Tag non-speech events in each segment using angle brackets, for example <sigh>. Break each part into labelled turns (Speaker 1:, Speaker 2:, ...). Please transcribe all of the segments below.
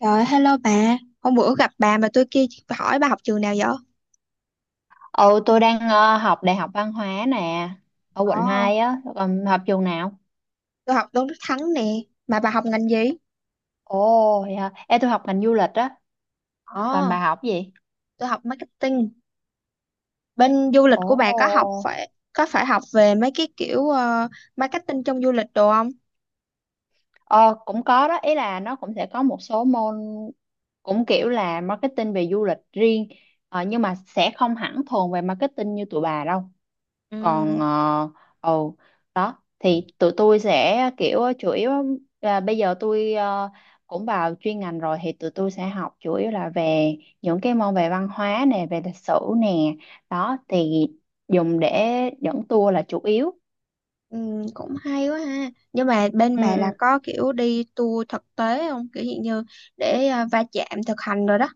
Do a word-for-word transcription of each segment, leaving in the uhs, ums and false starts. Speaker 1: Rồi, hello bà. Hôm bữa gặp bà mà tôi kia hỏi bà học trường nào vậy?
Speaker 2: Ừ, tôi đang ờ, học Đại học Văn hóa nè, ở
Speaker 1: Ồ,
Speaker 2: quận hai á, còn học trường nào?
Speaker 1: tôi học Tôn Đức Thắng nè. Mà bà học ngành gì?
Speaker 2: Ồ, vậy hả? Ê, tôi học ngành du lịch á, còn
Speaker 1: Ồ,
Speaker 2: bà học gì?
Speaker 1: tôi học marketing. Bên du lịch của bà có học
Speaker 2: Ồ,
Speaker 1: phải có phải học về mấy cái kiểu ờ, marketing trong du lịch đồ không?
Speaker 2: ờ, cũng có đó, ý là nó cũng sẽ có một số môn cũng kiểu là marketing về du lịch riêng, ờ, nhưng mà sẽ không hẳn thuần về marketing như tụi bà đâu. Còn
Speaker 1: Ừ,
Speaker 2: ờ, ồ, đó thì tụi tôi sẽ kiểu chủ yếu là bây giờ tôi ờ, cũng vào chuyên ngành rồi, thì tụi tôi sẽ học chủ yếu là về những cái môn về văn hóa nè, về lịch sử nè, đó thì dùng để dẫn tour là chủ yếu.
Speaker 1: ừ, cũng hay quá ha. Nhưng mà bên
Speaker 2: Ừ,
Speaker 1: bà là
Speaker 2: ừ.
Speaker 1: có kiểu đi tour thực tế không? Kiểu hiện như để ờ, va chạm thực hành rồi đó.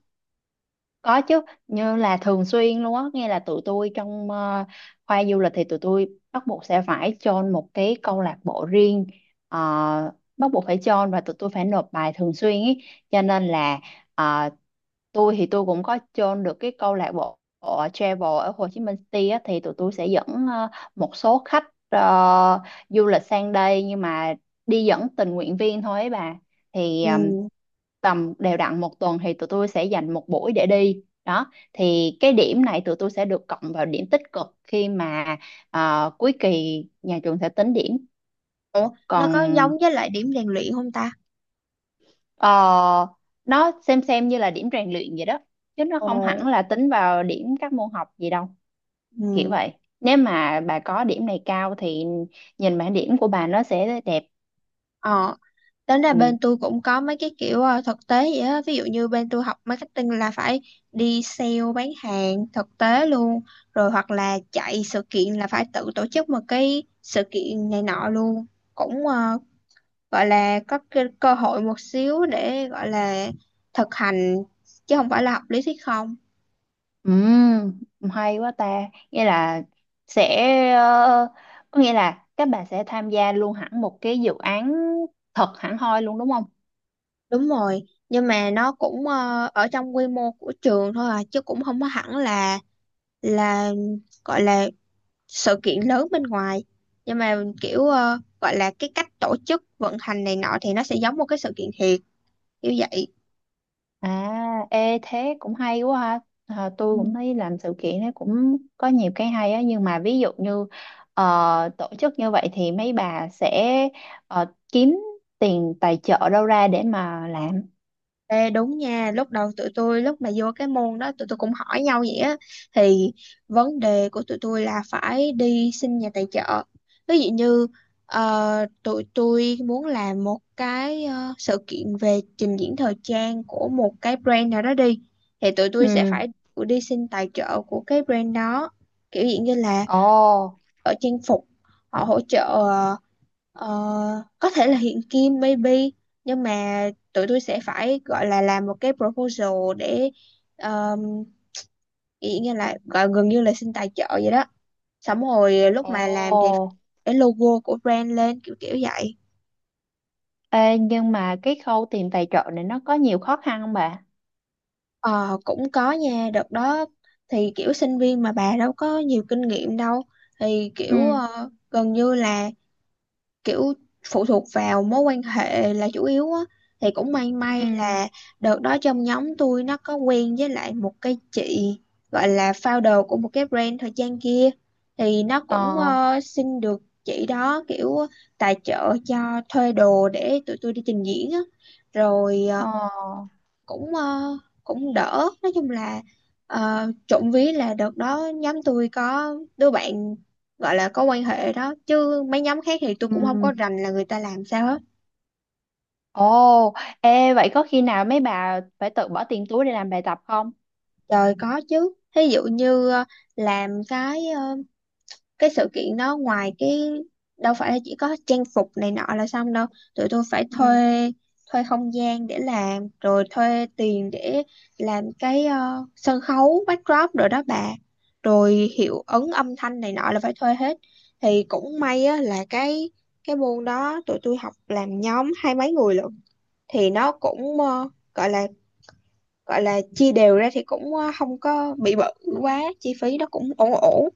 Speaker 2: Có chứ, như là thường xuyên luôn á, nghe là tụi tôi trong ờ, khoa du lịch thì tụi tôi bắt buộc sẽ phải join một cái câu lạc bộ riêng, ờ, bắt buộc phải join và tụi tôi phải nộp bài thường xuyên ý. Cho nên là ờ, tôi thì tôi cũng có join được cái câu lạc bộ ở travel ở Hồ Chí Minh City á, thì tụi tôi sẽ dẫn ờ, một số khách ờ, du lịch sang đây nhưng mà đi dẫn tình nguyện viên thôi ấy bà. Thì ờ,
Speaker 1: Ừ.
Speaker 2: tầm đều đặn một tuần thì tụi tôi sẽ dành một buổi để đi, đó thì cái điểm này tụi tôi sẽ được cộng vào điểm tích cực khi mà ờ, cuối kỳ nhà trường sẽ tính điểm.
Speaker 1: Ủa, nó có
Speaker 2: Còn
Speaker 1: giống với lại điểm rèn luyện không ta?
Speaker 2: ờ, nó xem xem như là điểm rèn luyện vậy đó, chứ nó
Speaker 1: Ồ,
Speaker 2: không hẳn là tính vào điểm các môn học gì đâu. Kiểu
Speaker 1: ừ.
Speaker 2: vậy, nếu mà bà có điểm này cao thì nhìn bảng điểm của bà nó sẽ đẹp.
Speaker 1: Ờ, Tính ra
Speaker 2: Ừ.
Speaker 1: bên tôi cũng có mấy cái kiểu ờ, thực tế vậy á. Ví dụ như bên tôi học marketing là phải đi sale bán hàng thực tế luôn. Rồi hoặc là chạy sự kiện là phải tự tổ chức một cái sự kiện này nọ luôn. Cũng ờ, gọi là có cơ, cơ hội một xíu để gọi là thực hành chứ không phải là học lý thuyết không.
Speaker 2: Ừm, hay quá ta. Nghĩa là sẽ ờ, Có nghĩa là các bạn sẽ tham gia luôn hẳn một cái dự án thật hẳn hoi luôn đúng không?
Speaker 1: Đúng rồi. Nhưng mà nó cũng ờ, ở trong quy mô của trường thôi à chứ cũng không có hẳn là là gọi là sự kiện lớn bên ngoài, nhưng mà kiểu ờ, gọi là cái cách tổ chức vận hành này nọ thì nó sẽ giống một cái sự kiện thiệt như vậy.
Speaker 2: À, ê thế cũng hay quá ha. À,
Speaker 1: Ừ.
Speaker 2: tôi cũng thấy làm sự kiện nó cũng có nhiều cái hay á, nhưng mà ví dụ như ờ, tổ chức như vậy thì mấy bà sẽ ờ, kiếm tiền tài trợ đâu ra để mà làm.
Speaker 1: Ê, đúng nha, lúc đầu tụi tôi lúc mà vô cái môn đó tụi tôi cũng hỏi nhau vậy á, thì vấn đề của tụi tôi là phải đi xin nhà tài trợ. Ví dụ như ờ, tụi tôi muốn làm một cái ờ, sự kiện về trình diễn thời trang của một cái brand nào đó đi, thì tụi tôi sẽ
Speaker 2: Ừ.
Speaker 1: phải đi xin tài trợ của cái brand đó, kiểu dạng như là
Speaker 2: Ồ.
Speaker 1: ở trang phục họ hỗ trợ, ờ, ờ, có thể là hiện kim maybe, nhưng mà tụi tôi sẽ phải gọi là làm một cái proposal để um, ý nghĩa là gọi gần như là xin tài trợ vậy đó, xong rồi lúc mà làm thì
Speaker 2: Ồ.
Speaker 1: cái logo của brand lên kiểu kiểu vậy.
Speaker 2: Ê, nhưng mà cái khâu tìm tài trợ này nó có nhiều khó khăn không bà?
Speaker 1: Ờ, cũng có nha, đợt đó thì kiểu sinh viên mà bà đâu có nhiều kinh nghiệm đâu, thì kiểu
Speaker 2: Ừ,
Speaker 1: ờ, gần như là kiểu phụ thuộc vào mối quan hệ là chủ yếu á, thì cũng may may
Speaker 2: ừ.
Speaker 1: là đợt đó trong nhóm tôi nó có quen với lại một cái chị gọi là founder của một cái brand thời trang kia, thì nó cũng
Speaker 2: Ờ,
Speaker 1: ờ, xin được chị đó kiểu tài trợ cho thuê đồ để tụi tôi đi trình diễn á, rồi ờ,
Speaker 2: ờ,
Speaker 1: cũng ờ, cũng đỡ, nói chung là ờ, trộm vía là đợt đó nhóm tôi có đứa bạn gọi là có quan hệ đó, chứ mấy nhóm khác thì tôi cũng không có
Speaker 2: ừ.
Speaker 1: rành là người ta làm sao hết.
Speaker 2: Ồ, ê, vậy có khi nào mấy bà phải tự bỏ tiền túi để làm bài tập không?
Speaker 1: Trời, có chứ, thí dụ như ờ, làm cái cái sự kiện đó, ngoài cái đâu phải là chỉ có trang phục này nọ là xong đâu, tụi tôi phải thuê thuê không gian để làm, rồi thuê tiền để làm cái ờ, sân khấu backdrop rồi đó bà, rồi hiệu ứng âm thanh này nọ là phải thuê hết. Thì cũng may á, là cái cái môn đó tụi tôi học làm nhóm hai mấy người lận, thì nó cũng ờ, gọi là gọi là chia đều ra thì cũng ờ, không có bị bự quá, chi phí nó cũng ổn ổn.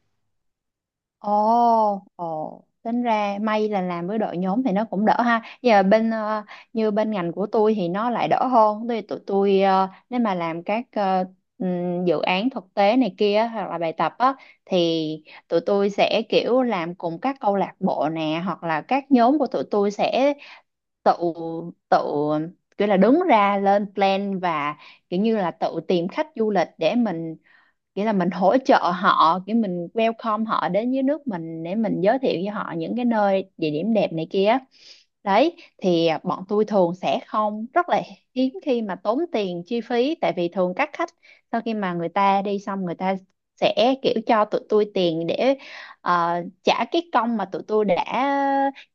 Speaker 2: Ồ, ồ, tính ra may là làm với đội nhóm thì nó cũng đỡ ha. Giờ bên ờ, như bên ngành của tôi thì nó lại đỡ hơn. Tôi tụi tôi ờ, nếu mà làm các ờ, ừm, dự án thực tế này kia hoặc là bài tập á, thì tụi tôi sẽ kiểu làm cùng các câu lạc bộ nè, hoặc là các nhóm của tụi tôi sẽ tự tự kiểu là đứng ra lên plan và kiểu như là tự tìm khách du lịch để mình, nghĩa là mình hỗ trợ họ, cái mình welcome họ đến với nước mình để mình giới thiệu với họ những cái nơi địa điểm đẹp này kia. Đấy thì bọn tôi thường sẽ không, rất là hiếm khi mà tốn tiền chi phí, tại vì thường các khách sau khi mà người ta đi xong, người ta sẽ kiểu cho tụi tôi tiền để ờ, trả cái công mà tụi tôi đã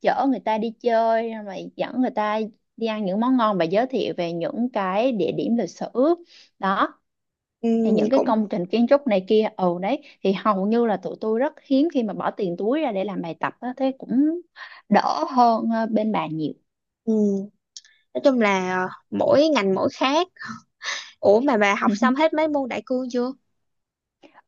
Speaker 2: chở người ta đi chơi, mà dẫn người ta đi ăn những món ngon và giới thiệu về những cái địa điểm lịch sử đó,
Speaker 1: Ừ,
Speaker 2: thì những cái
Speaker 1: cũng
Speaker 2: công trình kiến trúc này kia. Ừ, đấy thì hầu như là tụi tôi rất hiếm khi mà bỏ tiền túi ra để làm bài tập á, thế cũng đỡ hơn ờ, bên bà nhiều.
Speaker 1: ừ. Nói chung là mỗi ngành mỗi khác. Ủa mà bà học xong hết
Speaker 2: <laughs>
Speaker 1: mấy môn đại cương chưa?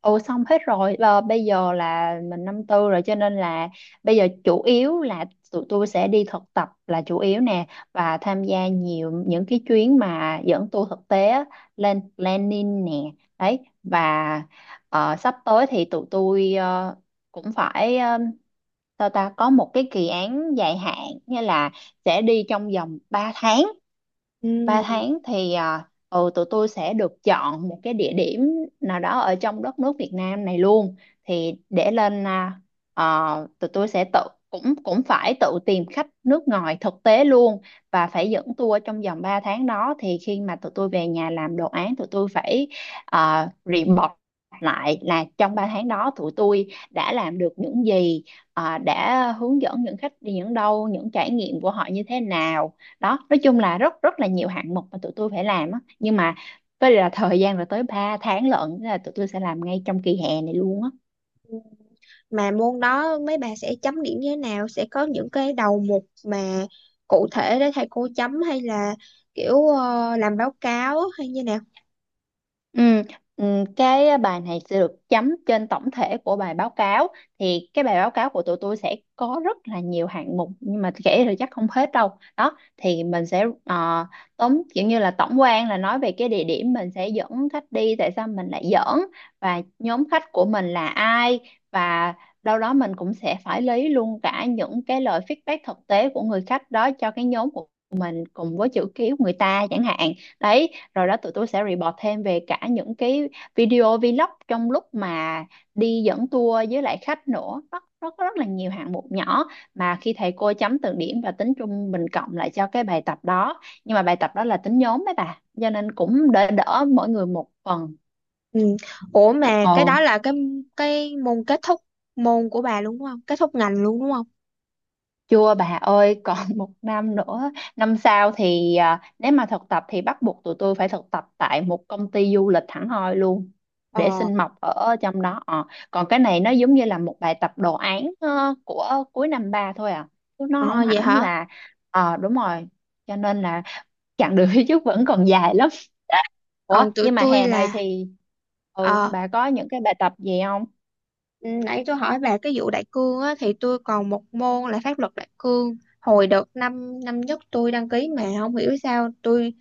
Speaker 2: Ừ, xong hết rồi. Ờ, bây giờ là mình năm tư rồi cho nên là bây giờ chủ yếu là tụi tôi sẽ đi thực tập là chủ yếu nè, và tham gia nhiều những cái chuyến mà dẫn tour thực tế á, lên planning nè, đấy và ờ, sắp tới thì tụi tôi ờ, cũng phải, ờ, sao ta, có một cái kỳ án dài hạn, nghĩa là sẽ đi trong vòng ba tháng. Ba
Speaker 1: Ừ.
Speaker 2: tháng thì à, ừ, tụi tôi sẽ được chọn một cái địa điểm nào đó ở trong đất nước Việt Nam này luôn, thì để lên à, ờ, tụi tôi sẽ tự, cũng cũng phải tự tìm khách nước ngoài thực tế luôn và phải dẫn tour trong vòng ba tháng. Đó thì khi mà tụi tôi về nhà làm đồ án, tụi tôi phải uh, report lại là trong ba tháng đó tụi tôi đã làm được những gì, à, đã hướng dẫn những khách đi những đâu, những trải nghiệm của họ như thế nào. Đó, nói chung là rất rất là nhiều hạng mục mà tụi tôi phải làm á, nhưng mà với là thời gian là tới ba tháng lận, thế là tụi tôi sẽ làm ngay trong kỳ hè này luôn á.
Speaker 1: Mà môn đó mấy bà sẽ chấm điểm như thế nào, sẽ có những cái đầu mục mà cụ thể để thầy cô chấm, hay là kiểu ờ, làm báo cáo hay như nào?
Speaker 2: Ừ, ừ, cái bài này sẽ được chấm trên tổng thể của bài báo cáo. Thì cái bài báo cáo của tụi tôi sẽ có rất là nhiều hạng mục, nhưng mà kể thì chắc không hết đâu. Đó thì mình sẽ ờ, tóm kiểu như là tổng quan, là nói về cái địa điểm mình sẽ dẫn khách đi, tại sao mình lại dẫn và nhóm khách của mình là ai, và đâu đó mình cũng sẽ phải lấy luôn cả những cái lời feedback thực tế của người khách đó cho cái nhóm của, cùng với chữ ký của người ta chẳng hạn. Đấy, rồi đó tụi tôi sẽ report thêm về cả những cái video vlog trong lúc mà đi dẫn tour với lại khách nữa. Nó nó có rất là nhiều hạng mục nhỏ mà khi thầy cô chấm từng điểm và tính trung bình cộng lại cho cái bài tập đó, nhưng mà bài tập đó là tính nhóm đấy bà, cho nên cũng đỡ đỡ, mỗi người một phần.
Speaker 1: Ừ. Ủa mà
Speaker 2: Ồ.
Speaker 1: cái đó là cái cái môn kết thúc môn của bà luôn đúng không, kết thúc ngành luôn đúng không?
Speaker 2: Chưa bà ơi, còn <laughs> một năm nữa. Năm sau thì à, nếu mà thực tập thì bắt buộc tụi tôi phải thực tập tại một công ty du lịch hẳn hoi luôn để
Speaker 1: ờ
Speaker 2: xin mọc ở trong đó. Ờ, còn cái này nó giống như là một bài tập đồ án ờ, của cuối năm ba thôi à. Chứ nó không
Speaker 1: ờ vậy
Speaker 2: hẳn
Speaker 1: hả?
Speaker 2: là. Ờ đúng rồi. Cho nên là chặng đường <laughs> phía trước vẫn còn dài lắm. <laughs> Ủa,
Speaker 1: Còn tụi
Speaker 2: nhưng mà
Speaker 1: tôi
Speaker 2: hè này
Speaker 1: là
Speaker 2: thì, ừ,
Speaker 1: ờ
Speaker 2: bà có những cái bài tập gì không?
Speaker 1: Ừ, nãy tôi hỏi bà cái vụ đại cương á, thì tôi còn một môn là pháp luật đại cương. Hồi đợt năm năm nhất tôi đăng ký mà không hiểu sao tôi,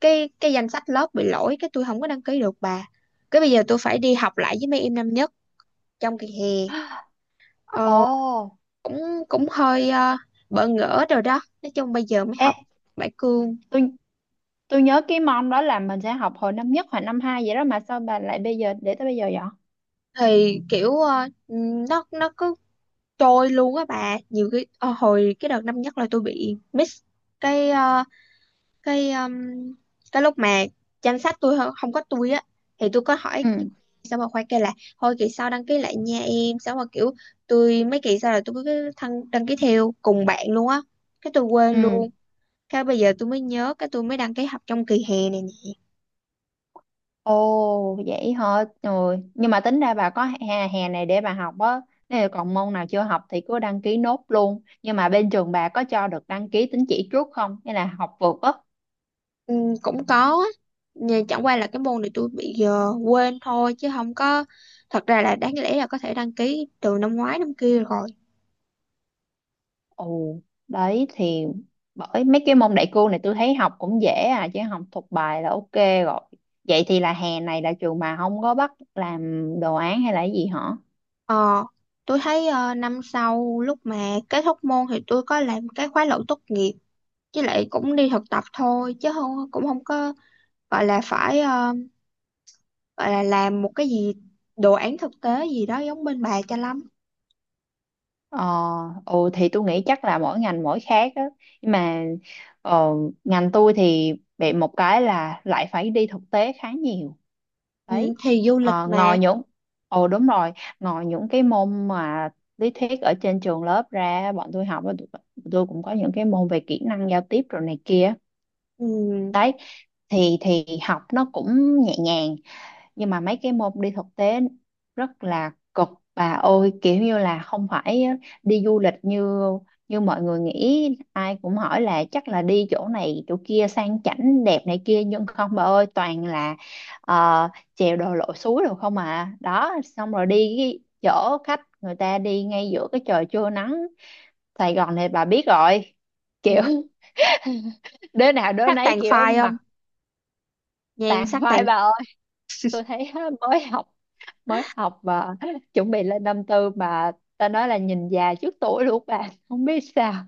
Speaker 1: cái cái danh sách lớp bị lỗi, cái tôi không có đăng ký được bà. Cái bây giờ tôi phải đi học lại với mấy em năm nhất trong kỳ hè. Ờ,
Speaker 2: Ồ,
Speaker 1: cũng cũng hơi ờ, bỡ ngỡ rồi đó. Nói chung bây giờ mới
Speaker 2: ê,
Speaker 1: học đại cương
Speaker 2: tôi Tôi nhớ cái môn đó là mình sẽ học hồi năm nhất hoặc năm hai vậy đó, mà sao bà lại bây giờ để tới bây giờ vậy?
Speaker 1: thì kiểu ờ, ừ, nó nó cứ trôi luôn á bà. Nhiều cái ờ, hồi cái đợt năm nhất là tôi bị miss cái ờ, cái um, cái lúc mà chăm sách tôi hơ- không có tôi á, thì tôi có hỏi
Speaker 2: Ừ.
Speaker 1: sao mà khoai kêu là thôi kỳ sau đăng ký lại nha em, sao mà kiểu tôi mấy kỳ sau là tôi cứ thân đăng ký theo cùng bạn luôn á, cái tôi quên
Speaker 2: Ừ.
Speaker 1: luôn, cái bây giờ tôi mới nhớ cái tôi mới đăng ký học trong kỳ hè này nè.
Speaker 2: Ồ, vậy hả? Rồi. Nhưng mà tính ra bà có hè, hè này để bà học á. Nếu còn môn nào chưa học thì cứ đăng ký nốt luôn. Nhưng mà bên trường bà có cho được đăng ký tín chỉ trước không? Hay là học vượt á?
Speaker 1: Ừ, cũng có á, nhưng chẳng qua là cái môn này tôi bị giờ quên thôi chứ không có, thật ra là đáng lẽ là có thể đăng ký từ năm ngoái năm kia rồi.
Speaker 2: Ồ, đấy thì bởi mấy cái môn đại cương này tôi thấy học cũng dễ à, chứ học thuộc bài là ok rồi. Vậy thì là hè này là trường bà không có bắt làm đồ án hay là cái gì hả?
Speaker 1: Ờ, tôi thấy ờ, năm sau lúc mà kết thúc môn thì tôi có làm cái khóa luận tốt nghiệp, với lại cũng đi thực tập thôi chứ không, cũng không có gọi là phải ờ, gọi là làm một cái gì đồ án thực tế gì đó giống bên bà cho lắm.
Speaker 2: Ờ, ừ thì tôi nghĩ chắc là mỗi ngành mỗi khác á. Nhưng mà ờ, ngành tôi thì bị một cái là lại phải đi thực tế khá nhiều.
Speaker 1: Ừ,
Speaker 2: Đấy.
Speaker 1: thì du lịch
Speaker 2: Ờ,
Speaker 1: mà.
Speaker 2: ngoài những Ồ đúng rồi, ngoài những cái môn mà lý thuyết ở trên trường lớp ra bọn tôi học á, tụi- tôi cũng có những cái môn về kỹ năng giao tiếp rồi này kia.
Speaker 1: Ừ,
Speaker 2: Đấy. Thì thì học nó cũng nhẹ nhàng, nhưng mà mấy cái môn đi thực tế rất là cực bà ơi, kiểu như là không phải đi du lịch như như mọi người nghĩ. Ai cũng hỏi là chắc là đi chỗ này chỗ kia sang chảnh đẹp này kia, nhưng không bà ơi, toàn là ờ, chèo đồ lội suối rồi không à, đó xong rồi đi cái chỗ khách người ta đi ngay giữa cái trời trưa nắng Sài Gòn này bà biết rồi, kiểu
Speaker 1: ừ,
Speaker 2: <laughs> đứa nào đứa
Speaker 1: sắc
Speaker 2: nấy
Speaker 1: tàn
Speaker 2: kiểu
Speaker 1: phai
Speaker 2: mặt
Speaker 1: không? Nhan
Speaker 2: tàn
Speaker 1: sắc
Speaker 2: phai
Speaker 1: tàn
Speaker 2: bà ơi. Tôi thấy á, mới học mới học và <laughs> chuẩn bị lên năm tư mà, ta nói là nhìn già trước tuổi luôn bà, <laughs> không biết sao.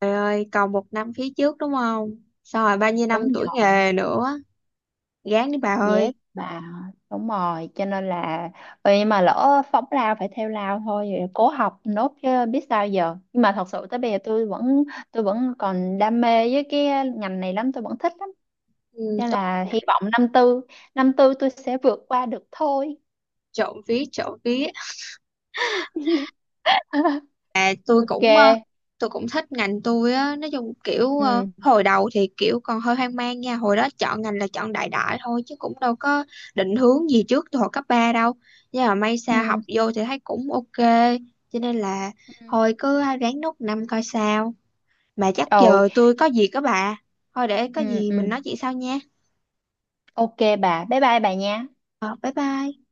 Speaker 1: phai ơi, còn một năm phía trước đúng không? Xong rồi bao nhiêu năm
Speaker 2: Đúng
Speaker 1: tuổi
Speaker 2: rồi,
Speaker 1: nghề nữa, gán đi bà
Speaker 2: dễ
Speaker 1: ơi.
Speaker 2: bà. Đúng rồi, cho nên là, ừ, nhưng mà lỡ phóng lao phải theo lao thôi, vậy cố học nốt chứ biết sao giờ. Nhưng mà thật sự tới bây giờ tôi vẫn tôi vẫn còn đam mê với cái ngành này lắm, tôi vẫn thích lắm.
Speaker 1: Ừ,
Speaker 2: Cho nên
Speaker 1: tôi
Speaker 2: là hy
Speaker 1: vậy,
Speaker 2: vọng năm tư năm tư tôi sẽ vượt qua được thôi.
Speaker 1: trộm vía trộm vía.
Speaker 2: <laughs>
Speaker 1: tôi
Speaker 2: Ok.
Speaker 1: cũng ờ, tôi cũng thích ngành tôi á, nói chung kiểu ờ,
Speaker 2: Ừ.
Speaker 1: hồi đầu thì kiểu còn hơi hoang mang nha, hồi đó chọn ngành là chọn đại đại thôi chứ cũng đâu có định hướng gì trước từ hồi cấp ba đâu, nhưng mà may sao học
Speaker 2: Ừ.
Speaker 1: vô thì thấy cũng ok, cho nên là
Speaker 2: Ừ. Ừ.
Speaker 1: thôi cứ ráng nốt năm coi sao. Mà chắc giờ tôi có việc đó bà, thôi để có
Speaker 2: Ừ.
Speaker 1: gì
Speaker 2: Ừ.
Speaker 1: mình nói chuyện sau nha.
Speaker 2: Ok bà, bye bye bà nha.
Speaker 1: Ờ, bye bye